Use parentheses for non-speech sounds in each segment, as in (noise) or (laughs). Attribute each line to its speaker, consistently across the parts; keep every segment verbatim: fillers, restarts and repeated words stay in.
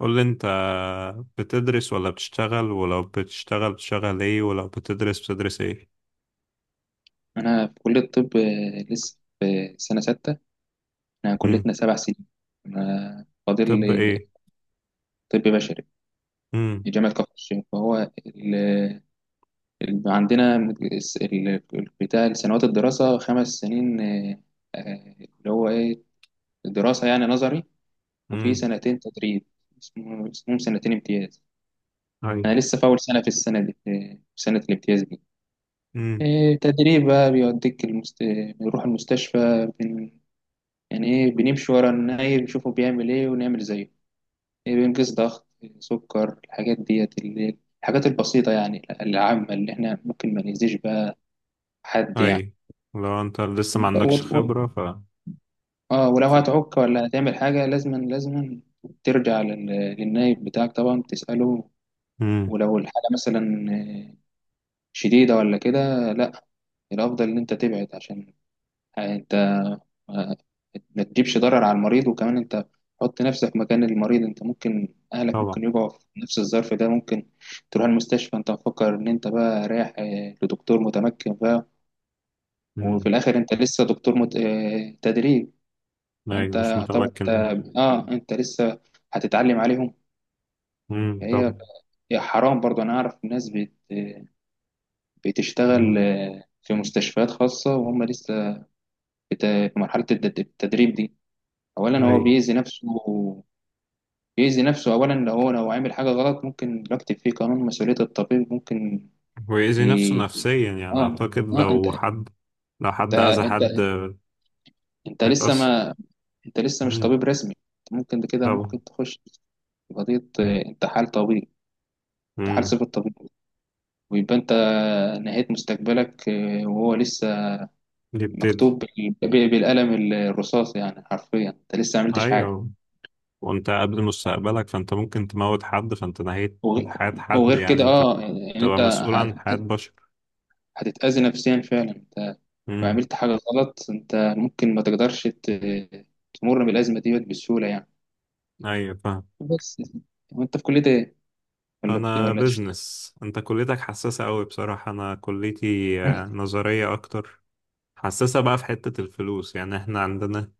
Speaker 1: قول لي انت، بتدرس ولا بتشتغل؟ ولو بتشتغل بتشتغل ايه؟ ولو بتدرس بتدرس ايه؟
Speaker 2: أنا في كلية الطب، آه، لسه في سنة ستة. إحنا
Speaker 1: امم.
Speaker 2: كليتنا سبع سنين. أنا فاضل
Speaker 1: طب
Speaker 2: لي
Speaker 1: ايه؟
Speaker 2: طب بشري
Speaker 1: امم.
Speaker 2: في جامعة كفر الشيخ. فهو ال- ال- عندنا مد- الس- ال- بتاع سنوات الدراسة خمس سنين، آه، آه، اللي هو إيه؟ دراسة يعني نظري. وفي
Speaker 1: امم.
Speaker 2: سنتين تدريب، اسمه- اسمهم سنتين امتياز.
Speaker 1: اي.
Speaker 2: أنا لسه في أول سنة، في السنة دي، آه، في سنة الامتياز دي.
Speaker 1: امم.
Speaker 2: آه، تدريب بقى، بيوديك المست... بنروح المستشفى. يعني ايه، بنمشي ورا النايب، نشوفه بيعمل ايه ونعمل زيه، ايه، بنقيس ضغط، سكر، الحاجات ديت، اللي الحاجات البسيطة يعني، العامة اللي احنا ممكن ما نأذيش بقى حد يعني.
Speaker 1: اي. لو انت لسه ما
Speaker 2: و...
Speaker 1: عندكش
Speaker 2: و...
Speaker 1: خبرة، ف
Speaker 2: اه، ولو
Speaker 1: ف
Speaker 2: هتعك ولا هتعمل حاجة لازما لازما ترجع لل... للنايب بتاعك، طبعا تسأله.
Speaker 1: امم.
Speaker 2: ولو الحالة مثلا آه، شديدة ولا كده، لا، الأفضل إن أنت تبعد، عشان أنت ما ما تجيبش ضرر على المريض. وكمان انت، حط نفسك مكان المريض، انت ممكن اهلك
Speaker 1: طبعا.
Speaker 2: ممكن يقعوا في نفس الظرف ده، ممكن تروح المستشفى انت مفكر ان انت بقى رايح اه، لدكتور متمكن بقى، وفي
Speaker 1: امم.
Speaker 2: الاخر انت لسه دكتور مت... اه، تدريب.
Speaker 1: اي،
Speaker 2: فانت
Speaker 1: مش
Speaker 2: طبعا، انت
Speaker 1: متمكن.
Speaker 2: اه انت لسه هتتعلم عليهم.
Speaker 1: امم.
Speaker 2: فهي
Speaker 1: طبعا.
Speaker 2: هي حرام برضه. انا اعرف ناس بت... بتشتغل
Speaker 1: امم.
Speaker 2: اه، في مستشفيات خاصة وهم لسه بت... في مرحلة التد- التدريب دي. اولا
Speaker 1: اي.
Speaker 2: هو بيأذي نفسه، بيأذي نفسه أولا، لو هو لو عامل حاجة غلط ممكن يكتب فيه قانون مسؤولية الطبيب، ممكن.
Speaker 1: ويأذي نفسه
Speaker 2: ي...
Speaker 1: نفسيا يعني،
Speaker 2: آه
Speaker 1: اعتقد
Speaker 2: آه أنت
Speaker 1: لو حد، لو
Speaker 2: أنت
Speaker 1: حد اذى
Speaker 2: أنت
Speaker 1: حد
Speaker 2: أنت لسه
Speaker 1: هيتأثر.
Speaker 2: ما أنت لسه مش
Speaker 1: امم.
Speaker 2: طبيب رسمي. أنت ممكن ده كده
Speaker 1: طبعا.
Speaker 2: ممكن تخش في قضية آه، انتحال طبيب، انتحال
Speaker 1: امم.
Speaker 2: صفة طبيب، ويبقى أنت نهيت مستقبلك، آه، وهو لسه
Speaker 1: يبتدي.
Speaker 2: مكتوب بال- بال- بالقلم الرصاص، يعني حرفيا أنت لسه ما عملتش حاجة.
Speaker 1: ايوه. وانت قبل مستقبلك، فانت ممكن تموت حد، فانت نهيت
Speaker 2: وغ-
Speaker 1: حياة حد
Speaker 2: وغير
Speaker 1: يعني.
Speaker 2: كده
Speaker 1: انت
Speaker 2: آه، يعني
Speaker 1: تبقى
Speaker 2: أنت
Speaker 1: مسؤول عن
Speaker 2: هت-
Speaker 1: حياة
Speaker 2: هت-
Speaker 1: بشر.
Speaker 2: هتتأذي نفسيا فعلا،
Speaker 1: امم.
Speaker 2: وعملت حاجة غلط أنت ممكن ما تقدرش ت- تمر بالأزمة ديت بسهولة يعني.
Speaker 1: ايوه، فاهم.
Speaker 2: بس. وأنت في كلية إيه؟ ولا بت-
Speaker 1: انا
Speaker 2: ولا تشتغل؟
Speaker 1: بزنس. انت كليتك حساسة قوي بصراحة، انا كليتي آه،
Speaker 2: (laughs)
Speaker 1: نظرية اكتر. حساسة بقى في حتة الفلوس يعني. احنا عندنا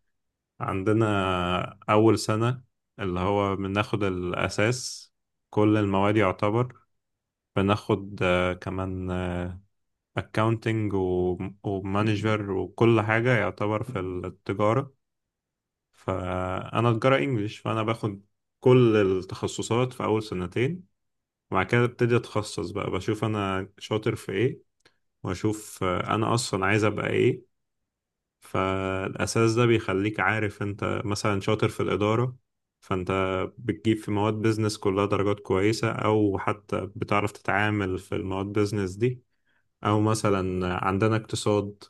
Speaker 1: عندنا اول سنة اللي هو بناخد الاساس، كل المواد يعتبر، بناخد آه، كمان اكاونتنج ومانجر وكل حاجة يعتبر في التجارة. فانا تجاره انجليش، فانا باخد كل التخصصات في اول سنتين، وبعد كده ابتدي اتخصص بقى، بشوف انا شاطر في ايه، واشوف آه، انا اصلا عايز ابقى ايه. فالاساس ده بيخليك عارف انت مثلا شاطر في الاداره، فانت بتجيب في مواد بيزنس كلها درجات كويسه، او حتى بتعرف تتعامل في المواد بيزنس دي. أو مثلا عندنا اقتصاد،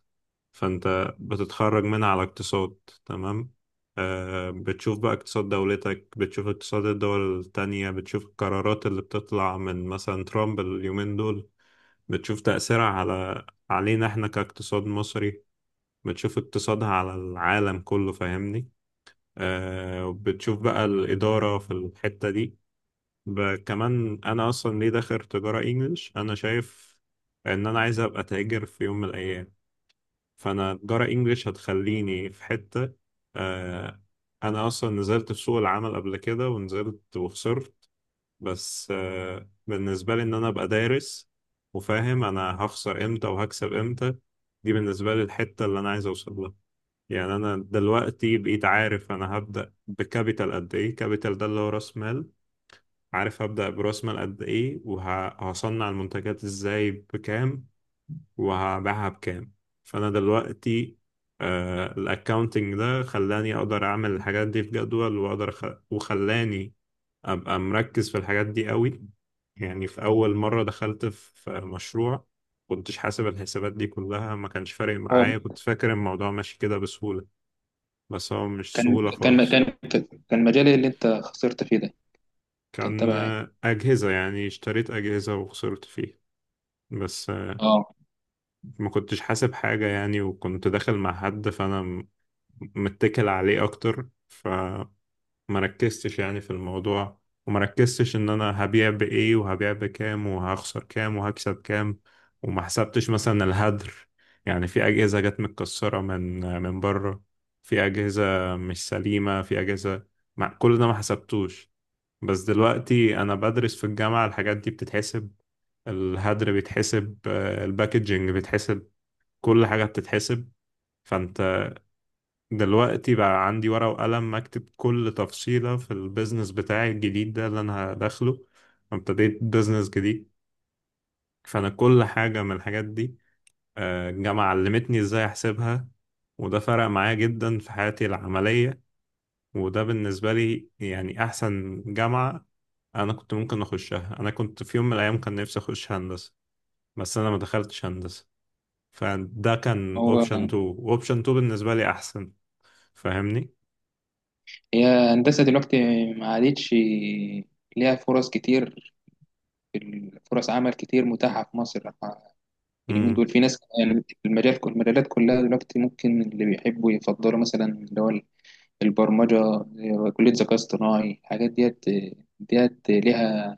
Speaker 1: فأنت بتتخرج منها على اقتصاد. تمام. آه بتشوف بقى اقتصاد دولتك، بتشوف اقتصاد الدول التانية، بتشوف القرارات اللي بتطلع من مثلا ترامب اليومين دول، بتشوف تأثيرها على علينا احنا كاقتصاد مصري، بتشوف اقتصادها على العالم كله. فاهمني؟ آه بتشوف بقى الإدارة في الحتة دي. ب- كمان، أنا أصلا ليه داخل تجارة إنجليش؟ أنا شايف ان انا عايز ابقى تاجر في يوم من الايام، فانا جرى انجليش هتخليني في حتة. آه انا اصلا نزلت في سوق العمل قبل كده، ونزلت وخسرت. بس آه بالنسبة لي ان انا ابقى دارس وفاهم انا هخسر امتى وهكسب امتى، دي بالنسبة لي الحتة اللي انا عايز اوصل لها يعني. انا دلوقتي بقيت عارف انا هبدأ بكابيتال قد ايه. كابيتال ده اللي هو راس مال. عارف هبدأ براس مال قد ايه، وهصنع المنتجات ازاي بكام، وهبيعها بكام. فانا دلوقتي، آه الاكاونتنج ده خلاني اقدر اعمل الحاجات دي في جدول، واقدر أخ... وخلاني ابقى مركز في الحاجات دي قوي. يعني في اول مرة دخلت في مشروع، كنتش حاسب الحسابات دي كلها، ما كانش فارق
Speaker 2: هو
Speaker 1: معايا، كنت فاكر الموضوع ماشي كده بسهولة، بس هو مش
Speaker 2: كان
Speaker 1: سهولة
Speaker 2: كان
Speaker 1: خالص.
Speaker 2: كان كان مجال اللي أنت خسرت فيه ده، كان
Speaker 1: كان
Speaker 2: تبع إيه؟
Speaker 1: آه، أجهزة، يعني اشتريت أجهزة وخسرت فيها. بس آه،
Speaker 2: أه.
Speaker 1: ما كنتش حاسب حاجة يعني، وكنت داخل مع حد فأنا متكل عليه اكتر، فمركزتش يعني في الموضوع. ومركزتش ان انا هبيع بايه وهبيع بكام وهخسر كام وهكسب كام، وما حسبتش مثلا الهدر. يعني في اجهزة جت متكسرة من من بره، في اجهزة مش سليمة، في اجهزة. مع كل ده ما حسبتوش. بس دلوقتي انا بدرس في الجامعة، الحاجات دي بتتحسب. الهدر بيتحسب، آه، الباكجينج بيتحسب، كل حاجة بتتحسب. فانت دلوقتي بقى عندي ورقة وقلم، أكتب كل تفصيلة في البيزنس بتاعي الجديد ده اللي أنا هدخله. ابتديت بيزنس جديد، فأنا كل حاجة من الحاجات دي، آه، الجامعة علمتني إزاي أحسبها. وده فرق معايا جدا في حياتي العملية، وده بالنسبة لي يعني أحسن جامعة. أنا كنت ممكن أخشها. أنا كنت في يوم من الأيام كان نفسي أخش هندسة، بس أنا ما دخلتش هندسة. فده كان
Speaker 2: هو
Speaker 1: أوبشن اتنين، أوبشن اتنين بالنسبة لي أحسن. فاهمني؟
Speaker 2: هي هندسة دلوقتي ما عادتش ليها فرص كتير، فرص عمل كتير متاحة في مصر اليومين
Speaker 1: مم.
Speaker 2: دول. في ناس يعني، المجال المجالات كلها دلوقتي، ممكن اللي بيحبوا يفضلوا مثلا اللي هو البرمجة، كلية ذكاء اصطناعي، الحاجات ديت، ديت ليها.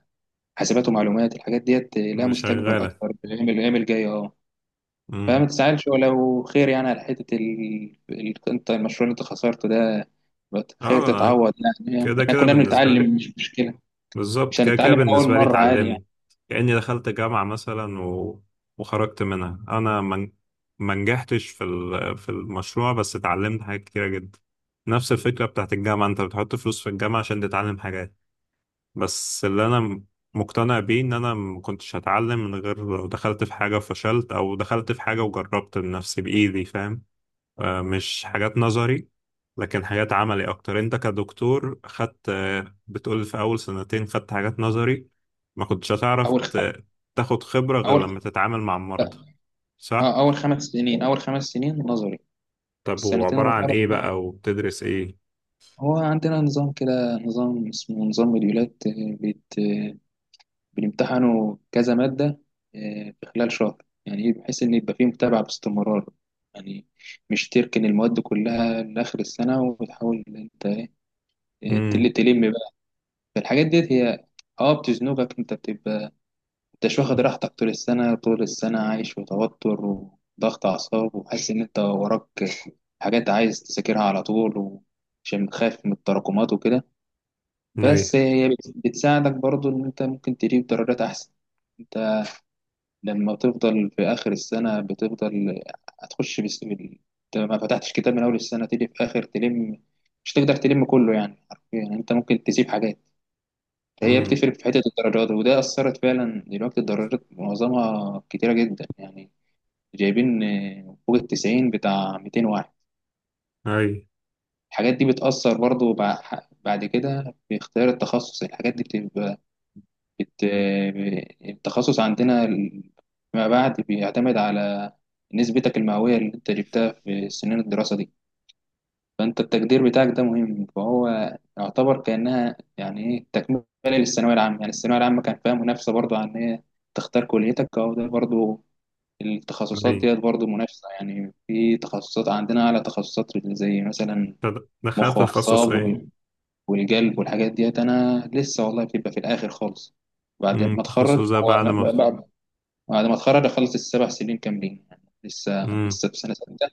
Speaker 2: حاسبات ومعلومات، الحاجات ديت لها مستقبل
Speaker 1: شغالة.
Speaker 2: أكتر بالأيام، الأيام الجاية أه. فما
Speaker 1: امم.
Speaker 2: تزعلش، ولو خير يعني على حتة ال... ال... أنت المشروع اللي أنت خسرته ده، بت- خير
Speaker 1: اه. أنا
Speaker 2: تتعوض يعني.
Speaker 1: كده
Speaker 2: إحنا
Speaker 1: كده
Speaker 2: كلنا
Speaker 1: بالنسبة لي،
Speaker 2: بنتعلم، مش مشكلة،
Speaker 1: بالظبط
Speaker 2: مش
Speaker 1: كده كده
Speaker 2: هنتعلم من أول
Speaker 1: بالنسبة لي
Speaker 2: مرة، عادي يعني.
Speaker 1: اتعلمت. كأني دخلت جامعة مثلا و... وخرجت منها انا من... ما نجحتش في ال... في المشروع، بس اتعلمت حاجات كتيرة جدا. نفس الفكرة بتاعت الجامعة، انت بتحط فلوس في الجامعة عشان تتعلم حاجات. بس اللي انا م- مقتنع بيه ان انا ما كنتش هتعلم من غير لو دخلت في حاجة وفشلت، او دخلت في حاجة وجربت بنفسي بإيدي. فاهم؟ آه، مش حاجات نظري لكن حاجات عملي اكتر. انت كدكتور خدت، آه، بتقول في اول سنتين خدت حاجات نظري، ما كنتش هتعرف
Speaker 2: أول خ...
Speaker 1: ت- تاخد خبرة غير
Speaker 2: أول خ...
Speaker 1: لما تتعامل مع المرضى.
Speaker 2: لا،
Speaker 1: صح.
Speaker 2: آه، أول خمس سنين أول خمس سنين نظري.
Speaker 1: طب
Speaker 2: السنتين
Speaker 1: وعبارة عن
Speaker 2: الأخرى،
Speaker 1: ايه بقى، وبتدرس ايه؟
Speaker 2: هو عندنا نظام كده، نظام اسمه نظام مديولات، بيت بيمتحنوا كذا مادة آه، في خلال شهر، يعني إيه؟ بحيث إن يبقى فيه متابعة باستمرار، يعني مش تركن المواد كلها لآخر السنة وتحاول إن أنت آه،
Speaker 1: امم.
Speaker 2: تل- تلم بقى. فالحاجات ديت هي، اه بتزنقك، انت بتبقى انتش واخد راحتك طول السنة، طول السنة عايش في توتر وضغط أعصاب، وحاسس إن أنت وراك حاجات عايز تذاكرها على طول، عشان خايف من التراكمات وكده.
Speaker 1: اي.
Speaker 2: بس هي بت- بتساعدك برضو إن أنت ممكن تجيب درجات أحسن، لما تفضل في آخر السنة بتفضل هتخش بس... بال- أنت ما فتحتش كتاب من أول السنة، تيجي في آخر تلم، مش تقدر تلم كله، يعني حرفيا يعني أنت ممكن تسيب حاجات. هي
Speaker 1: امم.
Speaker 2: بتفرق في حتة الدرجات، وده أثرت فعلا دلوقتي، الدرجات معظمها كتيرة جدا يعني، جايبين آه، فوق التسعين بتاع ميتين واحد.
Speaker 1: اي.
Speaker 2: الحاجات دي بتأثر برضو بع- بعد كده في اختيار التخصص، الحاجات دي بتبقى بت... التخصص عندنا ال- ما بعد بيعتمد على نسبتك المئوية اللي انت جبتها في سنين الدراسة دي. فانت التقدير بتاعك ده مهم، فهو يعتبر كأنها يعني ايه تكملة للثانوية العامة، يعني الثانوية العامة كان فيها منافسة برضو عن ايه، تختار كليتك او ده برضو،
Speaker 1: اي.
Speaker 2: التخصصات ديت برضو منافسة، يعني في تخصصات عندنا، على تخصصات زي مثلا
Speaker 1: طب
Speaker 2: مخ
Speaker 1: دخلت تخصص ايه؟
Speaker 2: وأعصاب، والجلب والحاجات ديت، انا لسه والله، بتبقى في الاخر خالص بعد
Speaker 1: امم.
Speaker 2: ما اتخرج.
Speaker 1: التخصص ده
Speaker 2: هو
Speaker 1: بعد
Speaker 2: أنا
Speaker 1: ما.
Speaker 2: بعد بعد ما اتخرج، اخلص السبع سنين كاملين، يعني لسه
Speaker 1: امم.
Speaker 2: لسه في سنه سته.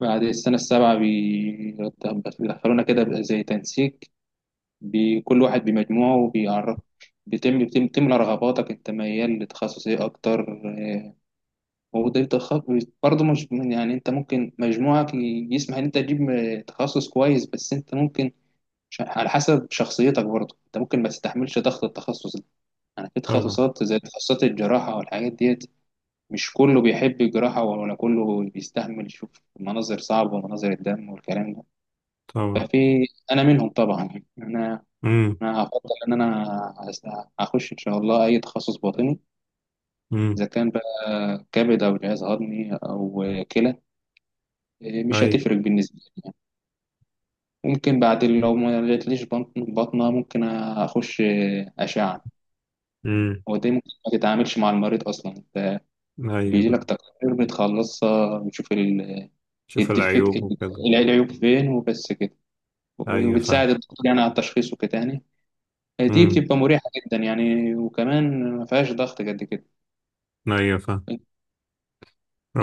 Speaker 2: بعد السنه السابعه بي- بيدخلونا كده بقى زي تنسيق، بكل واحد بمجموعه، وبيعرف بتم بتم بتملى رغباتك، انت ميال لتخصص ايه اكتر. وده بتخ- برضه مش يعني، انت ممكن مجموعك ي- يسمح ان انت تجيب م- تخصص كويس، بس انت ممكن ش- على حسب شخصيتك برضه، انت ممكن ما تستحملش ضغط التخصص ده. يعني في
Speaker 1: طبعا.
Speaker 2: تخصصات زي تخصصات الجراحة والحاجات ديت، مش كله بيحب الجراحة، ولا كله بيستحمل يشوف مناظر صعبة، ومناظر الدم والكلام ده.
Speaker 1: طبعا.
Speaker 2: ففي انا منهم طبعا يعني، انا
Speaker 1: امم.
Speaker 2: انا هفضل ان انا هس- هخش ان شاء الله اي تخصص باطني،
Speaker 1: امم.
Speaker 2: اذا كان بقى كبد او جهاز هضمي او كلى، مش
Speaker 1: اي.
Speaker 2: هتفرق بالنسبة لي يعني. ممكن بعد، لو ما جاتليش بطن- بطنة، ممكن اخش اشعة.
Speaker 1: امم.
Speaker 2: ودي ممكن ما تتعاملش مع المريض اصلا، انت
Speaker 1: ايوه،
Speaker 2: بيجي لك تقارير بتخلصها، بتشوف ال-
Speaker 1: بتشوف
Speaker 2: الديفكت،
Speaker 1: العيوب
Speaker 2: ال-
Speaker 1: وكده.
Speaker 2: العيوب فين وبس كده،
Speaker 1: ايوه، فاهم.
Speaker 2: وبتساعد الدكتور يعني على التشخيص وكده يعني. دي
Speaker 1: مم.
Speaker 2: بتبقى مريحة جدا يعني، وكمان ما فيهاش ضغط قد كده.
Speaker 1: ايوه، فاهم.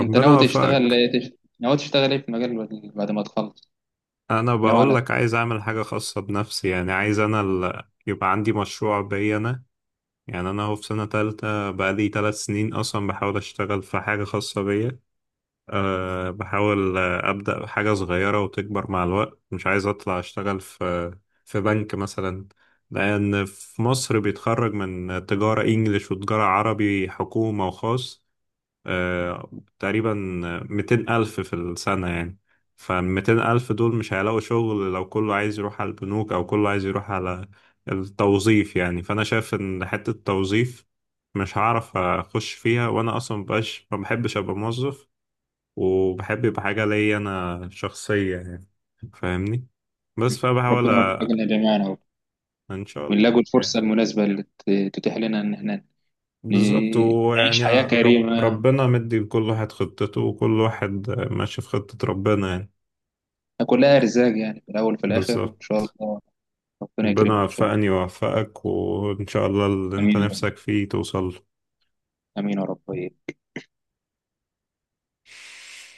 Speaker 2: انت ناوي تشتغل
Speaker 1: وفقك.
Speaker 2: إيه؟ تش- ناوي تشتغل ايه في المجال بعد، بعد ما تخلص؟
Speaker 1: انا
Speaker 2: ناوي
Speaker 1: بقول
Speaker 2: على
Speaker 1: لك، عايز اعمل حاجه خاصه بنفسي يعني. عايز انا ال... يبقى عندي مشروع بيا انا، يعني انا اهو في سنه تالتة، بقالي ثلاث سنين اصلا بحاول اشتغل في حاجه خاصه بيا. أه بحاول آه، ابدا بحاجه صغيره وتكبر مع الوقت. مش عايز اطلع اشتغل في في بنك مثلا، لان في مصر بيتخرج من تجاره انجليش وتجاره عربي، حكومه وخاص، آه، تقريبا ميتين ألف في السنة يعني. فالميتين ألف دول مش هيلاقوا شغل، لو كله عايز يروح على البنوك أو كله عايز يروح على التوظيف يعني. فأنا شايف إن حتة التوظيف مش هعرف أخش فيها، وأنا أصلا مبقاش، ما بحبش أبقى موظف، وبحب يبقى حاجة ليا أنا شخصية يعني. فاهمني؟ بس فبحاول
Speaker 2: ربنا،
Speaker 1: أ-
Speaker 2: يوفقنا جميعا اهو،
Speaker 1: إن شاء الله
Speaker 2: ونلاقوا الفرصة
Speaker 1: يعني.
Speaker 2: المناسبة اللي ت- تتيح لنا ان احنا
Speaker 1: بالظبط.
Speaker 2: ن- نعيش
Speaker 1: ويعني
Speaker 2: حياة
Speaker 1: رب
Speaker 2: كريمة،
Speaker 1: ربنا مدي لكل واحد خطته، وكل واحد ماشي في خطة ربنا يعني.
Speaker 2: كلها ارزاق يعني في الاول وفي الاخر،
Speaker 1: بالظبط.
Speaker 2: وان شاء الله ربنا
Speaker 1: ربنا
Speaker 2: يكرمنا ان شاء الله.
Speaker 1: يوفقني ويوفقك، وإن شاء الله اللي أنت
Speaker 2: امين يا رب.
Speaker 1: نفسك فيه توصل له.
Speaker 2: امين يا رب.